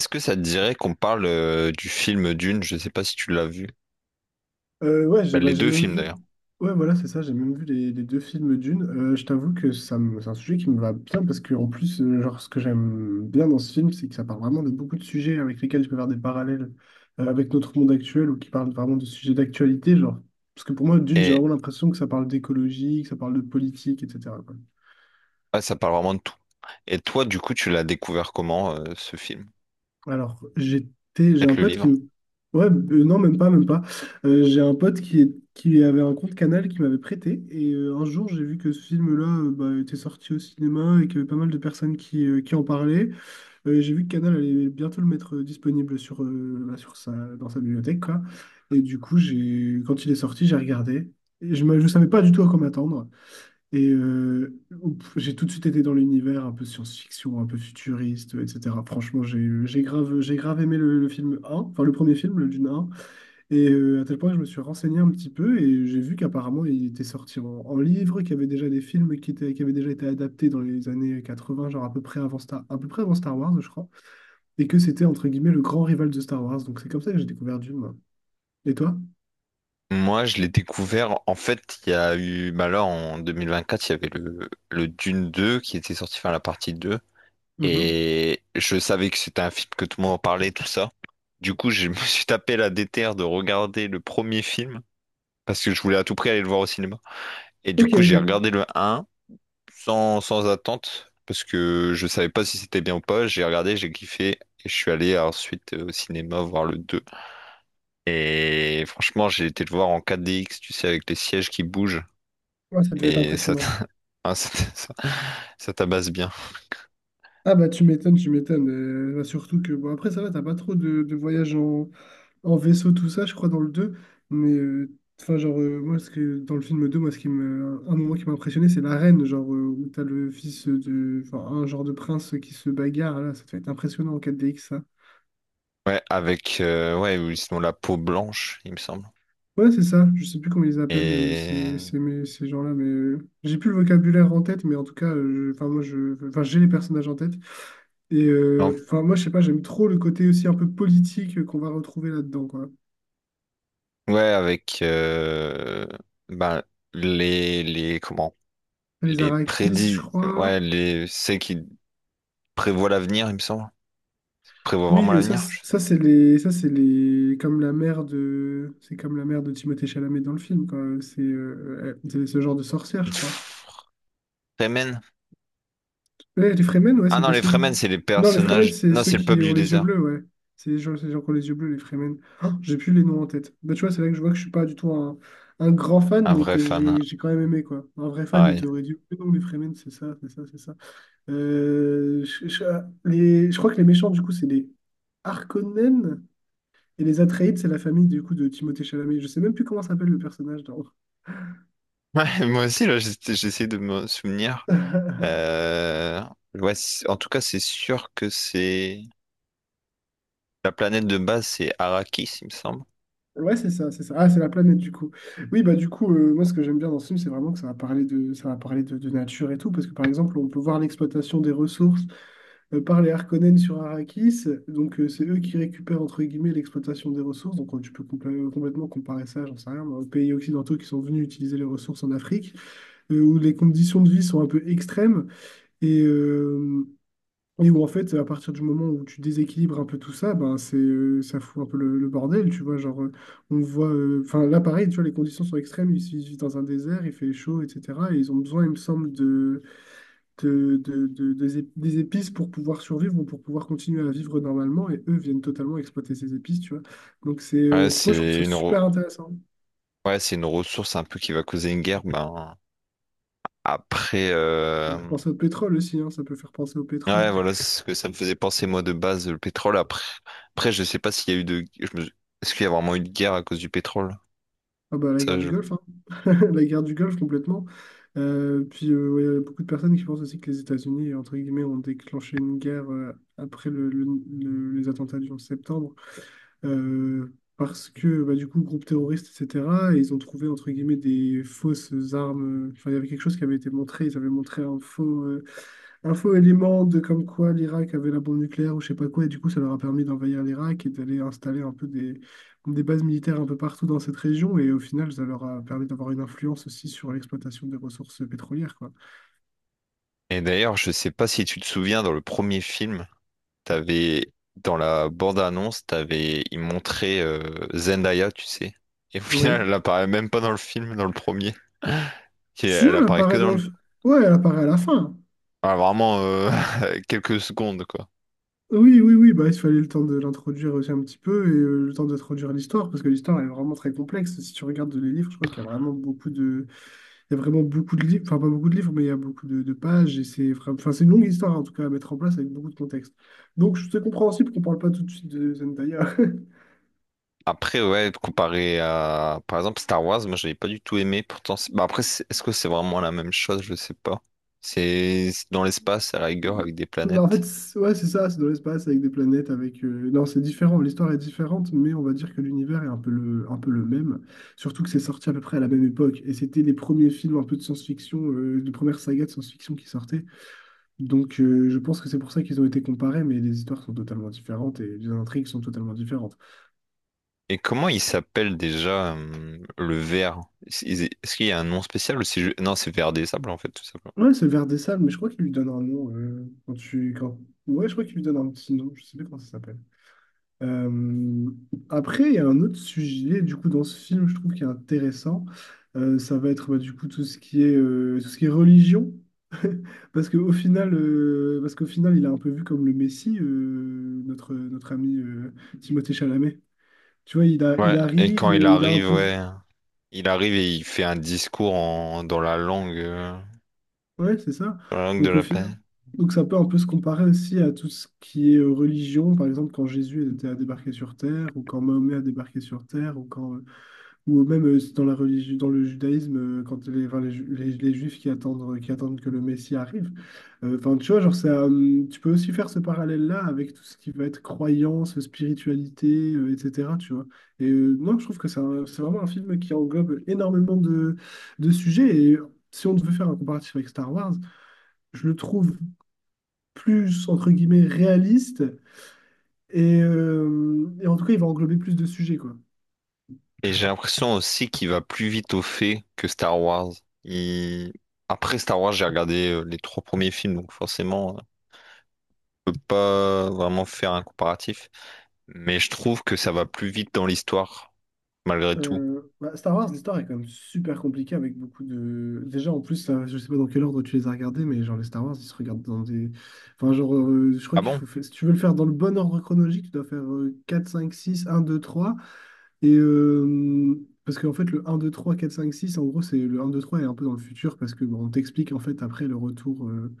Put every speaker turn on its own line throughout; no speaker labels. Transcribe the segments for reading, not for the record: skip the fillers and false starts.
Est-ce que ça te dirait qu'on parle du film Dune? Je sais pas si tu l'as vu.
Ouais,
Bah,
j'ai
les
bah, j'ai
deux
même
films
vu.
d'ailleurs.
Ouais, voilà, c'est ça, j'ai même vu les deux films Dune. Je t'avoue que c'est un sujet qui me va bien parce que, en plus, genre, ce que j'aime bien dans ce film, c'est que ça parle vraiment de beaucoup de sujets avec lesquels je peux faire des parallèles avec notre monde actuel ou qui parle vraiment de sujets d'actualité, genre. Parce que pour moi, Dune, j'ai
Et
vraiment l'impression que ça parle d'écologie, que ça parle de politique, etc., quoi.
ouais, ça parle vraiment de tout. Et toi, du coup, tu l'as découvert comment ce film?
Alors, j'étais, j'ai
Peut-être
un
le
pote qui
livre?
me... Ouais, non, même pas, même pas. J'ai un pote qui avait un compte Canal qui m'avait prêté. Et un jour, j'ai vu que ce film-là bah, était sorti au cinéma et qu'il y avait pas mal de personnes qui en parlaient. J'ai vu que Canal allait bientôt le mettre disponible bah, dans sa bibliothèque, quoi. Et du coup, quand il est sorti, j'ai regardé. Et je ne savais pas du tout à quoi m'attendre. Et ouf, j'ai tout de suite été dans l'univers un peu science-fiction, un peu futuriste, etc. Franchement, j'ai grave aimé le film un, enfin le premier film, le Dune un. Et à tel point que je me suis renseigné un petit peu et j'ai vu qu'apparemment il était sorti en, livre, qu'il y avait déjà des films qui avaient déjà été adaptés dans les années 80, genre à peu près avant Star Wars, je crois. Et que c'était entre guillemets le grand rival de Star Wars. Donc c'est comme ça que j'ai découvert Dune, moi. Et toi?
Moi, je l'ai découvert. En fait, il y a eu. Bah là, en 2024, il y avait le Dune 2 qui était sorti, enfin la partie 2.
Mhm.
Et je savais que c'était un film que tout le monde en parlait, tout ça. Du coup, je me suis tapé la déterre de regarder le premier film parce que je voulais à tout prix aller le voir au cinéma. Et du
Ok,
coup,
ok.
j'ai regardé le 1 sans attente, parce que je savais pas si c'était bien ou pas. J'ai regardé, j'ai kiffé, et je suis allé ensuite au cinéma voir le deux. Et franchement, j'ai été le voir en 4DX, tu sais, avec les sièges qui bougent,
Ouais, ça devait être
et
impressionnant.
ah, ça, t'a- ça- ça tabasse bien.
Ah bah, tu m'étonnes, tu m'étonnes. Bah, surtout que, bon, après ça va, t'as pas trop de voyages en, vaisseau, tout ça, je crois, dans le deux. Mais, enfin genre, moi, dans le film deux, moi, un moment qui m'a impressionné, c'est l'arène, genre, où t'as le fils de, enfin, un genre de prince qui se bagarre, là, ça devait être impressionnant en 4DX, ça.
Ouais, avec, ouais, ou sinon la peau blanche, il me semble.
Ouais, c'est ça. Je sais plus comment ils appellent euh,
Et,
ces, ces, mais- ces gens-là, mais j'ai plus le vocabulaire en tête, mais en tout cas, enfin moi, enfin j'ai les personnages en tête. Et
non,
enfin moi, je sais pas, j'aime trop le côté aussi un peu politique qu'on va retrouver là-dedans, quoi.
ouais, ben, comment,
Les
les
Arrakis, je
prédits,
crois.
ouais, les, c'est qui prévoit l'avenir, il me semble. Prévoit
Oui,
vraiment l'avenir? Je-
ça c'est les, comme c'est comme la mère de Timothée Chalamet dans le film, quoi. C'est c'est ce genre de sorcière, je crois.
Fremen?
Les Fremen, ouais,
Ah
c'est
non, les
possible.
Fremen, c'est les
Non, les Fremen,
personnages.
c'est
Non,
ceux
c'est le peuple
qui ont
du
les yeux
désert.
bleus, ouais. C'est les gens qui ont les yeux bleus, les Fremen. Oh, j'ai plus les noms en tête. Bah, tu vois, c'est là que je vois que je suis pas du tout un grand fan,
Un
mais
vrai
que
fan.
j'ai quand même aimé, quoi. Un vrai fan, il
Ouais.
t'aurait dit, non, les Fremen, c'est ça, c'est ça, c'est ça. Euh, je, je- je crois que les méchants, du coup, c'est les Harkonnen, et les Atreides, c'est la famille, du coup, de Timothée Chalamet. Je sais même plus comment s'appelle le personnage, dans...
Ouais, moi aussi, là, j'essaie de me souvenir. Euh, ouais, c- en tout cas, c'est sûr que c'est. La planète de base, c'est Arrakis, il me semble.
Ouais, c'est ça, c'est ça. Ah, c'est la planète, du coup. Oui, bah du coup, moi ce que j'aime bien dans ce film, c'est vraiment que ça va parler de, de nature et tout, parce que par exemple, on peut voir l'exploitation des ressources par les Harkonnen sur Arrakis. Donc c'est eux qui récupèrent entre guillemets l'exploitation des ressources. Donc tu peux complètement comparer ça, j'en sais rien, moi, aux pays occidentaux qui sont venus utiliser les ressources en Afrique, où les conditions de vie sont un peu extrêmes. Et, euh, et où en fait, à partir du moment où tu déséquilibres un peu tout ça, ben c'est ça fout un peu le bordel, tu vois. Genre, on voit, enfin là pareil, tu vois, les conditions sont extrêmes. Ils vivent dans un désert, il fait chaud, etc. Et ils ont besoin, il me semble, des épices pour pouvoir survivre ou pour pouvoir continuer à vivre normalement. Et eux viennent totalement exploiter ces épices, tu vois. Donc
Ouais,
c'est moi, je trouve
c'est
ça
une, re-
super intéressant.
ouais, c'est une ressource un peu qui va causer une guerre. Ben, après.
On peut penser au pétrole aussi, hein, ça peut faire penser au pétrole.
Ouais, voilà c'est ce que ça me faisait penser, moi, de base, le pétrole. Après, après je sais pas s'il y a eu de. Je me- Est-ce qu'il y a vraiment eu de guerre à cause du pétrole?
Ah bah, la guerre
Ça,
du
je-
Golfe, hein. La guerre du Golfe complètement. Puis ouais, il y a beaucoup de personnes qui pensent aussi que les États-Unis, entre guillemets, ont déclenché une guerre après les attentats du 11 septembre, euh, parce que bah, du coup, groupe terroriste, etc. Et ils ont trouvé entre guillemets des fausses armes. Enfin, il y avait quelque chose qui avait été montré. Ils avaient montré un faux élément de comme quoi l'Irak avait la bombe nucléaire ou je sais pas quoi. Et du coup, ça leur a permis d'envahir l'Irak et d'aller installer un peu des bases militaires un peu partout dans cette région. Et au final, ça leur a permis d'avoir une influence aussi sur l'exploitation des ressources pétrolières, quoi.
Et d'ailleurs, je sais pas si tu te souviens, dans le premier film, t'avais, dans la bande-annonce, t'avais, ils montraient Zendaya, tu sais. Et au final,
Oui.
elle apparaît même pas dans le film, dans le premier. Et
Si
elle
elle
apparaît que
apparaît
dans
dans le...
le...
Ouais, elle apparaît à la fin.
ah, vraiment quelques secondes, quoi.
Oui, oui, oui, bah, il fallait le temps de l'introduire aussi un petit peu et le temps d'introduire l'histoire, parce que l'histoire est vraiment très complexe. Si tu regardes les livres, je crois qu'il y a vraiment il y a vraiment beaucoup de livres, enfin pas beaucoup de livres, mais il y a beaucoup de pages et enfin, c'est une longue histoire en tout cas à mettre en place avec beaucoup de contexte. Donc c'est compréhensible qu'on parle pas tout de suite de Zendaya.
Après, ouais, comparé à, par exemple, Star Wars, moi, j'avais pas du tout aimé. Pourtant, c'est- bah, après, c'est- est-ce que c'est vraiment la même chose? Je sais pas. C'est dans l'espace, à la rigueur, avec des
Bah, en
planètes.
fait, ouais, c'est ça, c'est dans l'espace avec des planètes, avec... Non, c'est différent, l'histoire est différente, mais on va dire que l'univers est un peu le, même. Surtout que c'est sorti à peu près à la même époque, et c'était les premiers films un peu de science-fiction, les premières sagas de science-fiction qui sortaient. Donc je pense que c'est pour ça qu'ils ont été comparés, mais les histoires sont totalement différentes et les intrigues sont totalement différentes.
Et comment il s'appelle déjà le ver? Est-ce qu'il y a un nom spécial ou non, c'est ver des sables en fait, tout simplement.
Ouais, c'est vers des Sables, mais je crois qu'il lui donne un nom quand tu... Quand... Ouais, je crois qu'il lui donne un petit nom, je sais plus comment ça s'appelle. Euh, après, il y a un autre sujet du coup dans ce film, je trouve qui est intéressant. Ça va être bah, du coup tout ce qui est tout ce qui est religion, parce qu'au final, il est un peu vu comme le Messie, notre ami Timothée Chalamet. Tu vois, il
Ouais, et quand
arrive,
il
il a un
arrive,
peu,
ouais, il arrive et il fait un discours en... dans la
ouais, c'est ça.
dans la langue de
Donc au
la
final,
planète.
donc ça peut un peu se comparer aussi à tout ce qui est religion, par exemple quand Jésus était à débarquer sur Terre, ou quand Mahomet a débarqué sur Terre, ou quand... Ou même dans la religion, dans le judaïsme, quand enfin, les juifs qui attendent que le Messie arrive. Enfin, tu vois, genre, ça, tu peux aussi faire ce parallèle-là avec tout ce qui va être croyance, spiritualité, etc. Tu vois. Et non, je trouve que c'est vraiment un film qui englobe énormément de sujets. Et si on devait faire un comparatif avec Star Wars, je le trouve plus, entre guillemets, réaliste. Et en tout cas, il va englober plus de sujets, quoi.
Et j'ai l'impression aussi qu'il va plus vite au fait que Star Wars. Il- Après Star Wars, j'ai regardé les trois premiers films, donc je peux pas vraiment faire un comparatif. Mais je trouve que ça va plus vite dans l'histoire, malgré tout.
Bah, Star Wars, l'histoire est quand même super compliquée avec beaucoup de. Déjà, en plus, je sais pas dans quel ordre tu les as regardés, mais genre les Star Wars, ils se regardent dans des. Enfin, genre, je crois
Ah
qu'il
bon?
faut faire. Si tu veux le faire dans le bon ordre chronologique, tu dois faire 4, 5, 6, 1, 2, 3. Et, parce qu'en fait, le un, 2, 3, 4, 5, 6, en gros, c'est le un, 2, 3 est un peu dans le futur parce que bon, on t'explique en fait après le retour,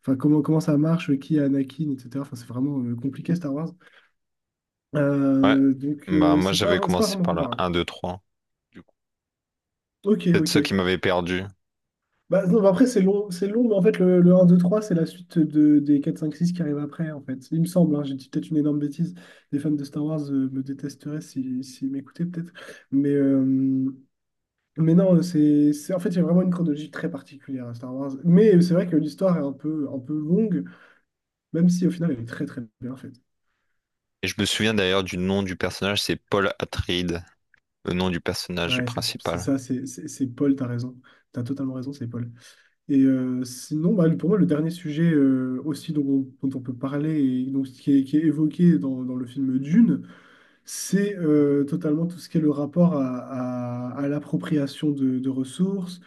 enfin comment ça marche, qui est Anakin, etc. Enfin, c'est vraiment compliqué Star Wars.
Ouais,
Euh, donc,
bah
euh,
moi
c'est
j'avais
pas, c'est pas
commencé
vraiment
par le
comparable.
un 2 trois. Du coup,
Ok,
c'est
ok.
ça qui m'avait perdu.
Bah non, bah après, c'est long, mais en fait, le 1, 2, 3, c'est la suite des 4 5 6 qui arrivent après, en fait. Il me semble, hein, j'ai dit peut-être une énorme bêtise. Les fans de Star Wars me détesteraient si, s'ils m'écoutaient, peut-être. Mais, euh, mais non, c'est en fait, il y a vraiment une chronologie très particulière à Star Wars. Mais c'est vrai que l'histoire est un peu longue, même si au final, elle est très, très bien faite.
Et je me souviens d'ailleurs du nom du personnage, c'est Paul Atreides, le nom du personnage
Ouais, c'est
principal.
ça, c'est Paul, t'as raison. T'as totalement raison, c'est Paul. Et sinon, bah, pour moi, le dernier sujet aussi dont on peut parler, et donc, qui est évoqué dans le film Dune, c'est totalement tout ce qui est le rapport à l'appropriation de ressources,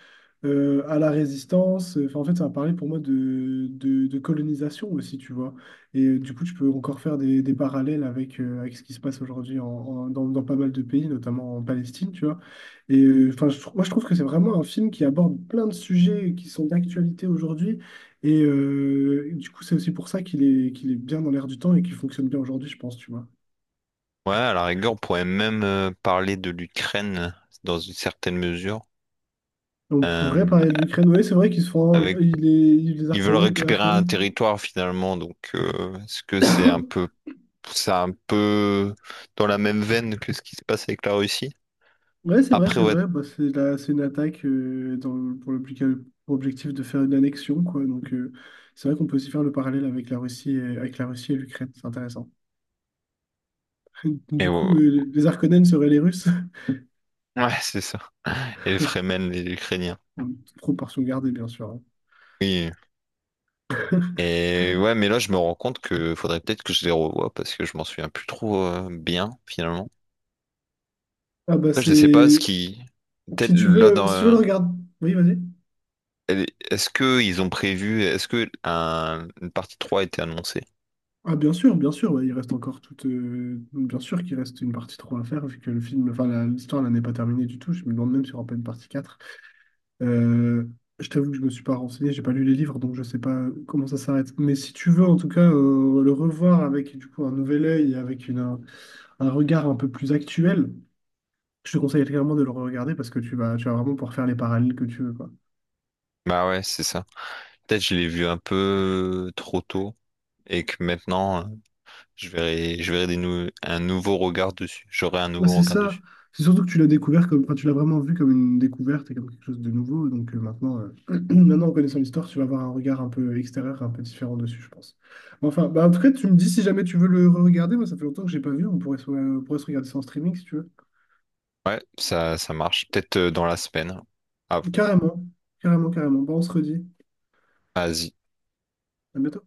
à la résistance. Enfin, en fait, ça va parler pour moi de colonisation aussi, tu vois. Et du coup, tu peux encore faire des parallèles avec ce qui se passe aujourd'hui dans pas mal de pays, notamment en Palestine, tu vois. Et enfin, moi, je trouve que c'est vraiment un film qui aborde plein de sujets qui sont d'actualité aujourd'hui. Et du coup, c'est aussi pour ça qu'il est bien dans l'air du temps et qu'il fonctionne bien aujourd'hui, je pense, tu vois.
Ouais, à la rigueur, on pourrait même parler de l'Ukraine dans une certaine mesure.
On pourrait
Euh,
parler de l'Ukraine. Oui, c'est vrai qu'ils se font.
avec,
Les
ils veulent
Arcanènes.
récupérer un
Arcanènes.
territoire finalement, donc est-ce que c'est un peu dans la même veine que ce qui se passe avec la Russie?
Ouais, c'est vrai,
Après,
c'est
ouais,
vrai. Bah, c'est une attaque pour l'objectif pour objectif de faire une annexion, quoi. Donc, c'est vrai qu'on peut aussi faire le parallèle avec la Russie et l'Ukraine. C'est intéressant.
et
Du
ouais,
coup, les Arcanènes seraient les Russes.
ouais, c'est ça. Et les Fremen, les Ukrainiens.
En toute proportion gardée, bien sûr, hein.
Oui, et ouais, mais là, je me rends compte que faudrait peut-être que je les revoie parce que je m'en souviens plus trop bien, finalement.
Ah, bah,
Après, je sais pas ce
c'est.
qui. Peut-être
Si tu veux, si tu veux le regarder. Oui, vas-y.
est-ce que ils ont prévu. Est-ce que une partie 3 a été annoncée?
Ah bien sûr, ouais, il reste encore toute, bien sûr qu'il reste une partie 3 à faire, vu que le film, enfin la- l'histoire là n'est pas terminée du tout. Je me demande même s'il n'y aura pas une partie 4. Euh, je t'avoue que je me suis pas renseigné, j'ai pas lu les livres, donc je sais pas comment ça s'arrête. Mais si tu veux en tout cas le revoir avec du coup un nouvel œil et avec un regard un peu plus actuel, je te conseille clairement de le regarder parce que tu vas vraiment pouvoir faire les parallèles que tu veux, quoi.
Bah ouais, c'est ça. Peut-être je l'ai vu un peu trop tôt et que je verrai un nouveau regard dessus. J'aurai un
Ouais,
nouveau
c'est
regard
ça.
dessus.
C'est surtout que tu l'as découvert comme, enfin, tu l'as vraiment vu comme une découverte et comme quelque chose de nouveau. Donc maintenant, maintenant, en connaissant l'histoire, tu vas avoir un regard un peu extérieur, un peu différent dessus, je pense. Mais enfin, bah, en tout cas, tu me dis si jamais tu veux le regarder. Moi, ça fait longtemps que j'ai pas vu. On pourrait se regarder ça en streaming si tu veux.
Ouais, ça marche. Peut-être dans la semaine. Ah,
Carrément, carrément, carrément. Bah, on se redit.
vas-y.
À bientôt.